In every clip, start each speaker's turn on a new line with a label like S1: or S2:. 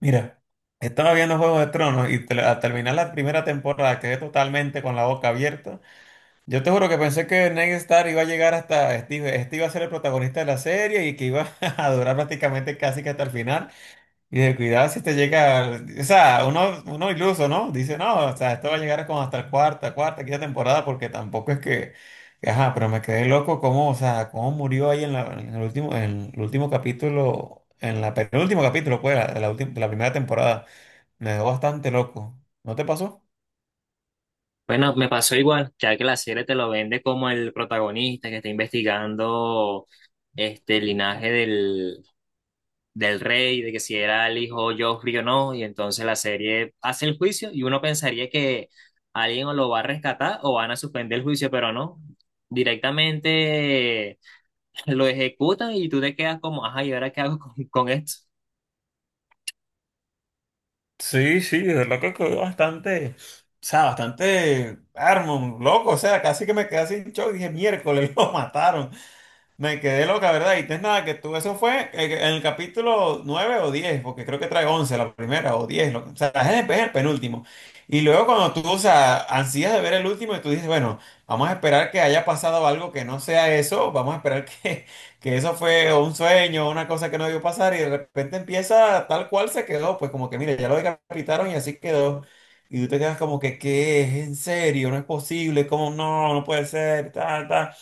S1: Mira, estaba viendo Juego de Tronos al terminar la primera temporada quedé totalmente con la boca abierta. Yo te juro que pensé que Ned Stark iba a llegar hasta Steve, este iba a ser el protagonista de la serie y que iba a durar prácticamente casi que hasta el final. Y de cuidado si te llega, o sea, uno iluso, ¿no? Dice, no, o sea, esto va a llegar como hasta la cuarta, quinta temporada porque tampoco es que, ajá, pero me quedé loco cómo, o sea, cómo murió ahí en el último capítulo. En la penúltimo capítulo, pues, de la primera temporada. Me dejó bastante loco. ¿No te pasó?
S2: Bueno, me pasó igual, ya que la serie te lo vende como el protagonista que está investigando el linaje del rey, de que si era el hijo Joffrey o no, y entonces la serie hace el juicio y uno pensaría que alguien o lo va a rescatar o van a suspender el juicio, pero no, directamente lo ejecutan y tú te quedas como, ajá, ¿y ahora qué hago con esto?
S1: Sí, sí, de verdad que quedó bastante, o sea, bastante loco, o sea, casi que me quedé sin shock, dije, miércoles, lo mataron. Me quedé loca, ¿verdad? Y no es nada que tú, eso fue en el capítulo 9 o 10 porque creo que trae 11 la primera o o sea, es el penúltimo. Y luego cuando tú, o sea, ansías de ver el último y tú dices, bueno, vamos a esperar que haya pasado algo que no sea eso, vamos a esperar que eso fue un sueño, una cosa que no debió pasar y de repente empieza tal cual se quedó, pues como que, mire, ya lo decapitaron y así quedó. Y tú te quedas como que, ¿qué es? ¿En serio? No es posible, ¿cómo no? No puede ser, tal, tal.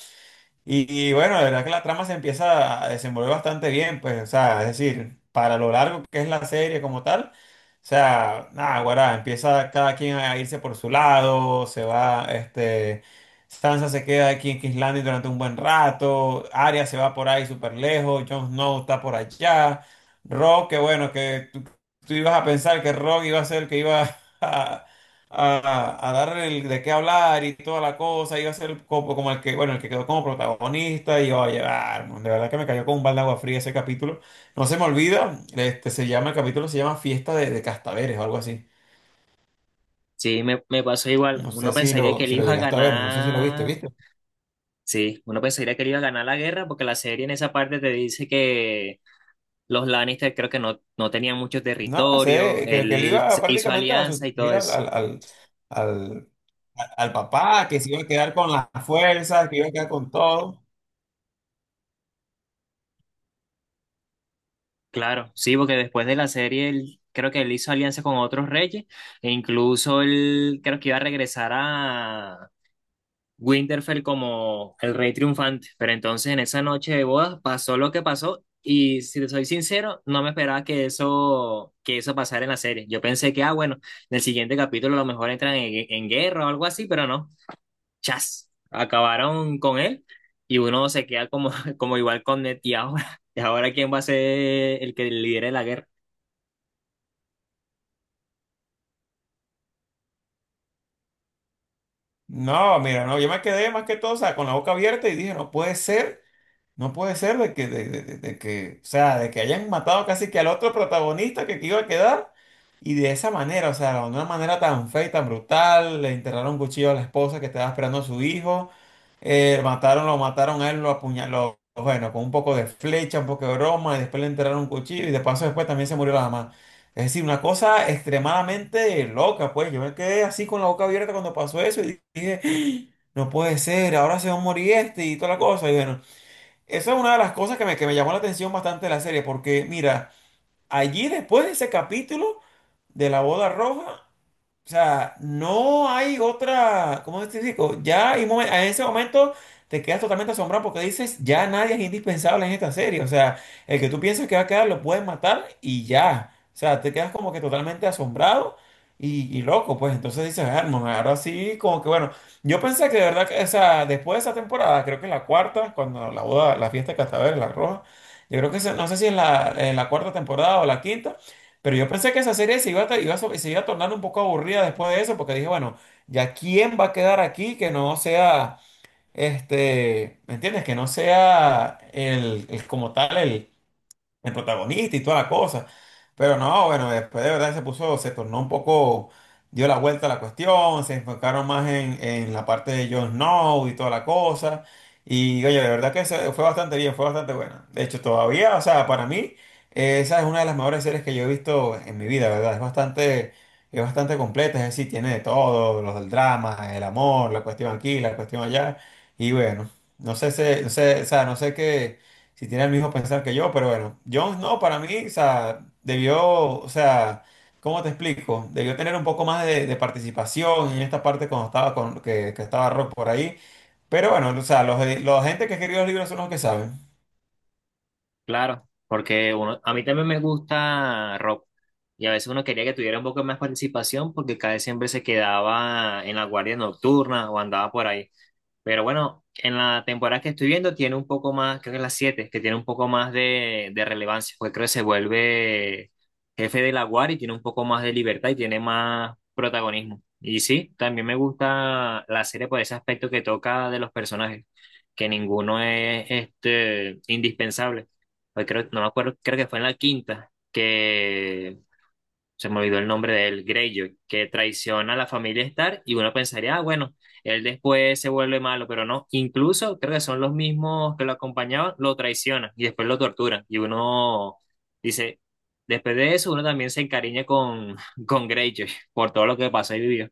S1: Y bueno, la verdad que la trama se empieza a desenvolver bastante bien, pues, o sea, es decir, para lo largo que es la serie como tal, o sea, nada, guará, empieza cada quien a irse por su lado, se va, este, Sansa se queda aquí en King's Landing durante un buen rato, Arya se va por ahí súper lejos, Jon Snow está por allá, Rock, que bueno, tú ibas a pensar que Rock iba a ser el que iba a, a dar el, de qué hablar y toda la cosa, iba a ser como, como el que, bueno, el que quedó como protagonista y iba a llevar, de verdad que me cayó con un balde de agua fría ese capítulo. No se me olvida, este se llama, el capítulo se llama Fiesta de Castaveres o algo así.
S2: Sí, me pasó igual,
S1: No sé
S2: uno
S1: si
S2: pensaría que
S1: lo,
S2: él
S1: si lo
S2: iba a
S1: llegaste a ver, no sé si lo viste,
S2: ganar.
S1: ¿viste?
S2: Sí, uno pensaría que le iba a ganar la guerra porque la serie en esa parte te dice que los Lannister creo que no tenían mucho
S1: No,
S2: territorio,
S1: sé, que él iba
S2: hizo
S1: prácticamente a
S2: alianza y todo
S1: sustituir
S2: eso.
S1: al, al papá, que se iba a quedar con las fuerzas, que iba a quedar con todo.
S2: Claro, sí, porque después de la serie él, creo que él hizo alianza con otros reyes e incluso él creo que iba a regresar Winterfell como el rey triunfante, pero entonces en esa noche de bodas pasó lo que pasó y si te soy sincero, no me esperaba que eso pasara en la serie. Yo pensé que, ah, bueno, en el siguiente capítulo a lo mejor entran en guerra o algo así, pero no, chas, acabaron con él y uno se queda como, como igual con Ned y ahora ¿quién va a ser el que lidere la guerra?
S1: No, mira, no, yo me quedé más que todo, o sea, con la boca abierta y dije, no puede ser. No puede ser de que, o sea, de que hayan matado casi que al otro protagonista que iba a quedar y de esa manera, o sea, de una manera tan fea y tan brutal, le enterraron un cuchillo a la esposa que estaba esperando a su hijo, mataron, lo mataron a él, lo apuñaló, bueno, con un poco de flecha, un poco de broma, y después le enterraron un cuchillo y de paso después también se murió la mamá. Es decir, una cosa extremadamente loca, pues yo me quedé así con la boca abierta cuando pasó eso y dije, "¡Ah! No puede ser, ahora se va a morir este y toda la cosa", y bueno. Esa es una de las cosas que me llamó la atención bastante de la serie, porque mira, allí después de ese capítulo de la boda roja, o sea, no hay otra, ¿cómo te digo? Ya hay momen- en ese momento te quedas totalmente asombrado porque dices, ya nadie es indispensable en esta serie. O sea, el que tú piensas que va a quedar lo puedes matar y ya. O sea, te quedas como que totalmente asombrado y loco, pues. Entonces dices, hermano, ahora sí, como que bueno. Yo pensé que de verdad, que, o sea, después de esa temporada, creo que la cuarta, cuando la boda, la fiesta de Castaver, la roja, yo creo que esa- no sé si es la, en la cuarta temporada o la quinta. Pero yo pensé que esa serie se iba a, iba a so- se iba a tornar un poco aburrida después de eso, porque dije, bueno, ¿ya quién va a quedar aquí que no sea, este, ¿me entiendes? Que no sea el- como tal el protagonista y toda la cosa. Pero no, bueno, después de verdad se puso, se tornó un poco, dio la vuelta a la cuestión, se enfocaron más en la parte de Jon Snow y toda la cosa. Y oye, de verdad que se- fue bastante bien, fue bastante buena. De hecho, todavía, o sea, para mí, esa es una de las mejores series que yo he visto en mi vida, ¿verdad? Es bastante completa, es decir, tiene de todo, los del drama, el amor, la cuestión aquí, la cuestión allá. Y bueno, no sé, o sea, no sé qué si tiene el mismo pensar que yo, pero bueno, Jones no, para mí, o sea, debió, o sea, ¿cómo te explico? Debió tener un poco más de participación en esta parte cuando estaba con, que estaba Rock por ahí. Pero bueno, o sea, los gente que escribió los libros son los que saben.
S2: Claro, porque uno, a mí también me gusta rock y a veces uno quería que tuviera un poco más participación porque cada vez siempre se quedaba en la guardia nocturna o andaba por ahí. Pero bueno, en la temporada que estoy viendo tiene un poco más, creo que es la 7 que tiene un poco más de relevancia, pues creo que se vuelve jefe de la guardia y tiene un poco más de libertad y tiene más protagonismo. Y sí, también me gusta la serie por ese aspecto que toca de los personajes, que ninguno es este, indispensable. Pues creo, no me acuerdo, creo que fue en la quinta, que se me olvidó el nombre de él, Greyjoy, que traiciona a la familia Stark y uno pensaría, ah, bueno, él después se vuelve malo, pero no, incluso creo que son los mismos que lo acompañaban, lo traicionan y después lo torturan y uno dice, después de eso uno también se encariña con, con Greyjoy por todo lo que pasó y vivió.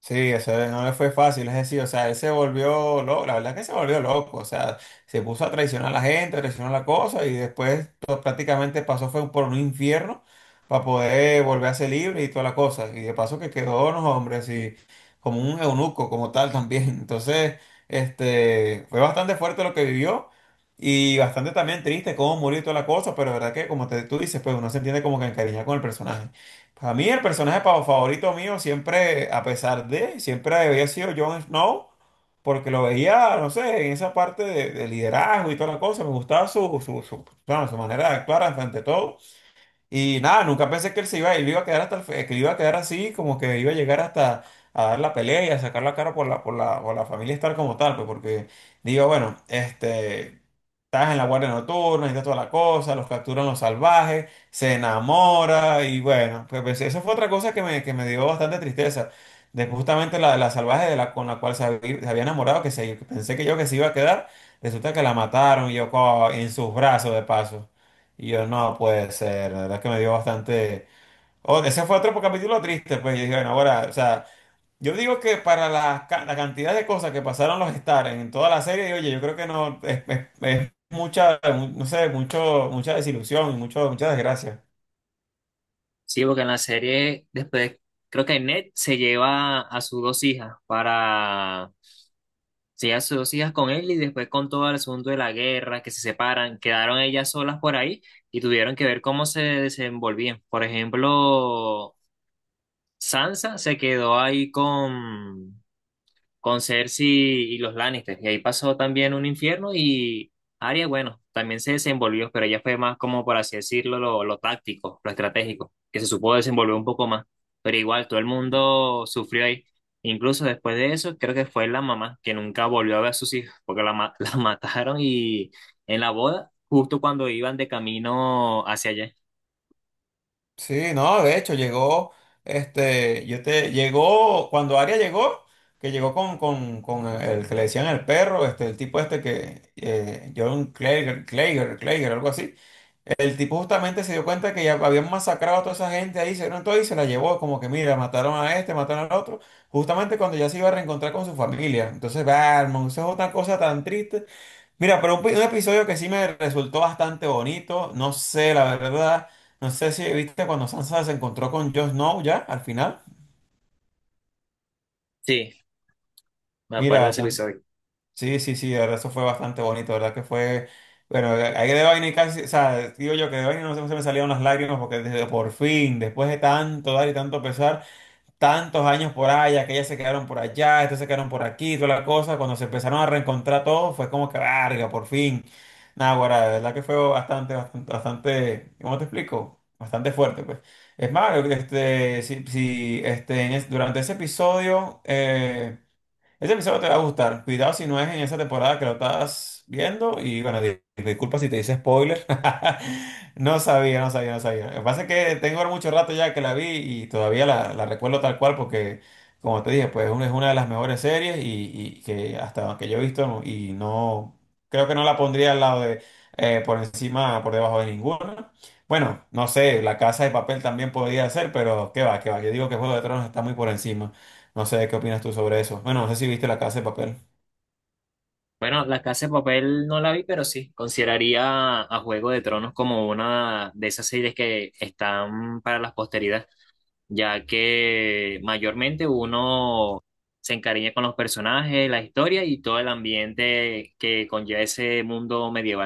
S1: Sí, eso no le fue fácil, es decir, o sea, él se volvió loco, la verdad es que se volvió loco, o sea, se puso a traicionar a la gente, a traicionar la cosa y después to- prácticamente pasó fue por un infierno para poder volver a ser libre y toda la cosa. Y de paso que quedó, no, hombre, así como un eunuco como tal también. Entonces, este, fue bastante fuerte lo que vivió y bastante también triste cómo murió y toda la cosa, pero la verdad que como te, tú dices, pues uno se entiende como que encariñado con el personaje. Para mí el personaje pa- favorito mío siempre, a pesar de, siempre había sido Jon Snow, porque lo veía, no sé, en esa parte de liderazgo y toda la cosa, me gustaba bueno, su manera de actuar ante todo. Y nada, nunca pensé que él se iba, él iba a quedar hasta el fe- que iba a quedar así, como que iba a llegar hasta a dar la pelea y a sacar la cara por la, por la familia estar como tal, pues porque digo, bueno, este, estás en la guardia nocturna, está toda la cosa, los capturan los salvajes, se enamora y bueno, pues, eso fue otra cosa que me dio bastante tristeza. De justamente la, la salvaje de la, con la cual se había enamorado, que se, pensé que yo que se iba a quedar, resulta que la mataron y yo co- en sus brazos de paso. Y yo, no puede ser, la verdad que me dio bastante... Oh, ese fue otro capítulo triste, pues yo dije, bueno, ahora, o sea, yo digo que para la, ca- la cantidad de cosas que pasaron los Star en toda la serie, oye, yo creo que no, es mucha, mu- no sé, mucho, mucha desilusión y mucho, mucha desgracia.
S2: Sí, porque en la serie después creo que Ned se lleva a sus dos hijas para sí, a dos hijas con él y después con todo el asunto de la guerra, que se separan, quedaron ellas solas por ahí y tuvieron que ver cómo se desenvolvían. Por ejemplo, Sansa se quedó ahí con Cersei y los Lannister. Y ahí pasó también un infierno y Arya, bueno, también se desenvolvió, pero ella fue más como, por así decirlo, lo táctico, lo estratégico, que se supo desenvolver un poco más. Pero igual, todo el mundo sufrió ahí. Incluso después de eso, creo que fue la mamá, que nunca volvió a ver a sus hijos, porque la mataron y en la boda, justo cuando iban de camino hacia allá.
S1: Sí, no, de hecho, llegó, este, yo te, llegó, cuando Aria llegó, que llegó con con el que le decían el perro, este, el tipo este que, John Clager, algo así. El tipo justamente se dio cuenta que ya habían masacrado a toda esa gente ahí, se dieron todo y se la llevó, como que mira, mataron a este, mataron al otro, justamente cuando ya se iba a reencontrar con su familia. Entonces, va, hermano, eso es otra cosa tan triste. Mira, pero un, pi- un episodio que sí me resultó bastante bonito, no sé, la verdad, no sé si viste cuando Sansa se encontró con Jon Snow ya al final.
S2: Sí, me acuerdo de
S1: Mira,
S2: ese episodio.
S1: sí, sí, sí, la verdad, eso fue bastante bonito, la ¿verdad? Que fue, bueno, ahí de vaina y casi, o sea, digo yo que de vaina no se, no se me salieron las lágrimas porque desde por fin, después de tanto dar y tanto pesar, tantos años por allá, que ellas se quedaron por allá, estos se quedaron por aquí, toda la cosa, cuando se empezaron a reencontrar todos, fue como que, verga, por fin. Nada, guarda, de verdad que fue bastante, bastante, bastante, ¿cómo te explico? Bastante fuerte, pues. Es más, este, si, si, este, en es- durante ese episodio, eh. Ese episodio te va a gustar. Cuidado si no es en esa temporada que lo estás viendo. Y bueno, di- disculpa si te hice spoiler. No sabía. Lo que pasa es que tengo mucho rato ya que la vi y todavía la, la recuerdo tal cual porque, como te dije, pues es una de las mejores series y que hasta que yo he visto no- y no, creo que no la pondría al lado de, por encima, por debajo de ninguna. Bueno, no sé, La Casa de Papel también podría ser, pero qué va, qué va. Yo digo que Juego de Tronos está muy por encima. No sé qué opinas tú sobre eso. Bueno, no sé si viste La Casa de Papel.
S2: Bueno, La Casa de Papel no la vi, pero sí, consideraría a Juego de Tronos como una de esas series que están para la posteridad, ya que mayormente uno se encariña con los personajes, la historia y todo el ambiente que conlleva ese mundo medieval.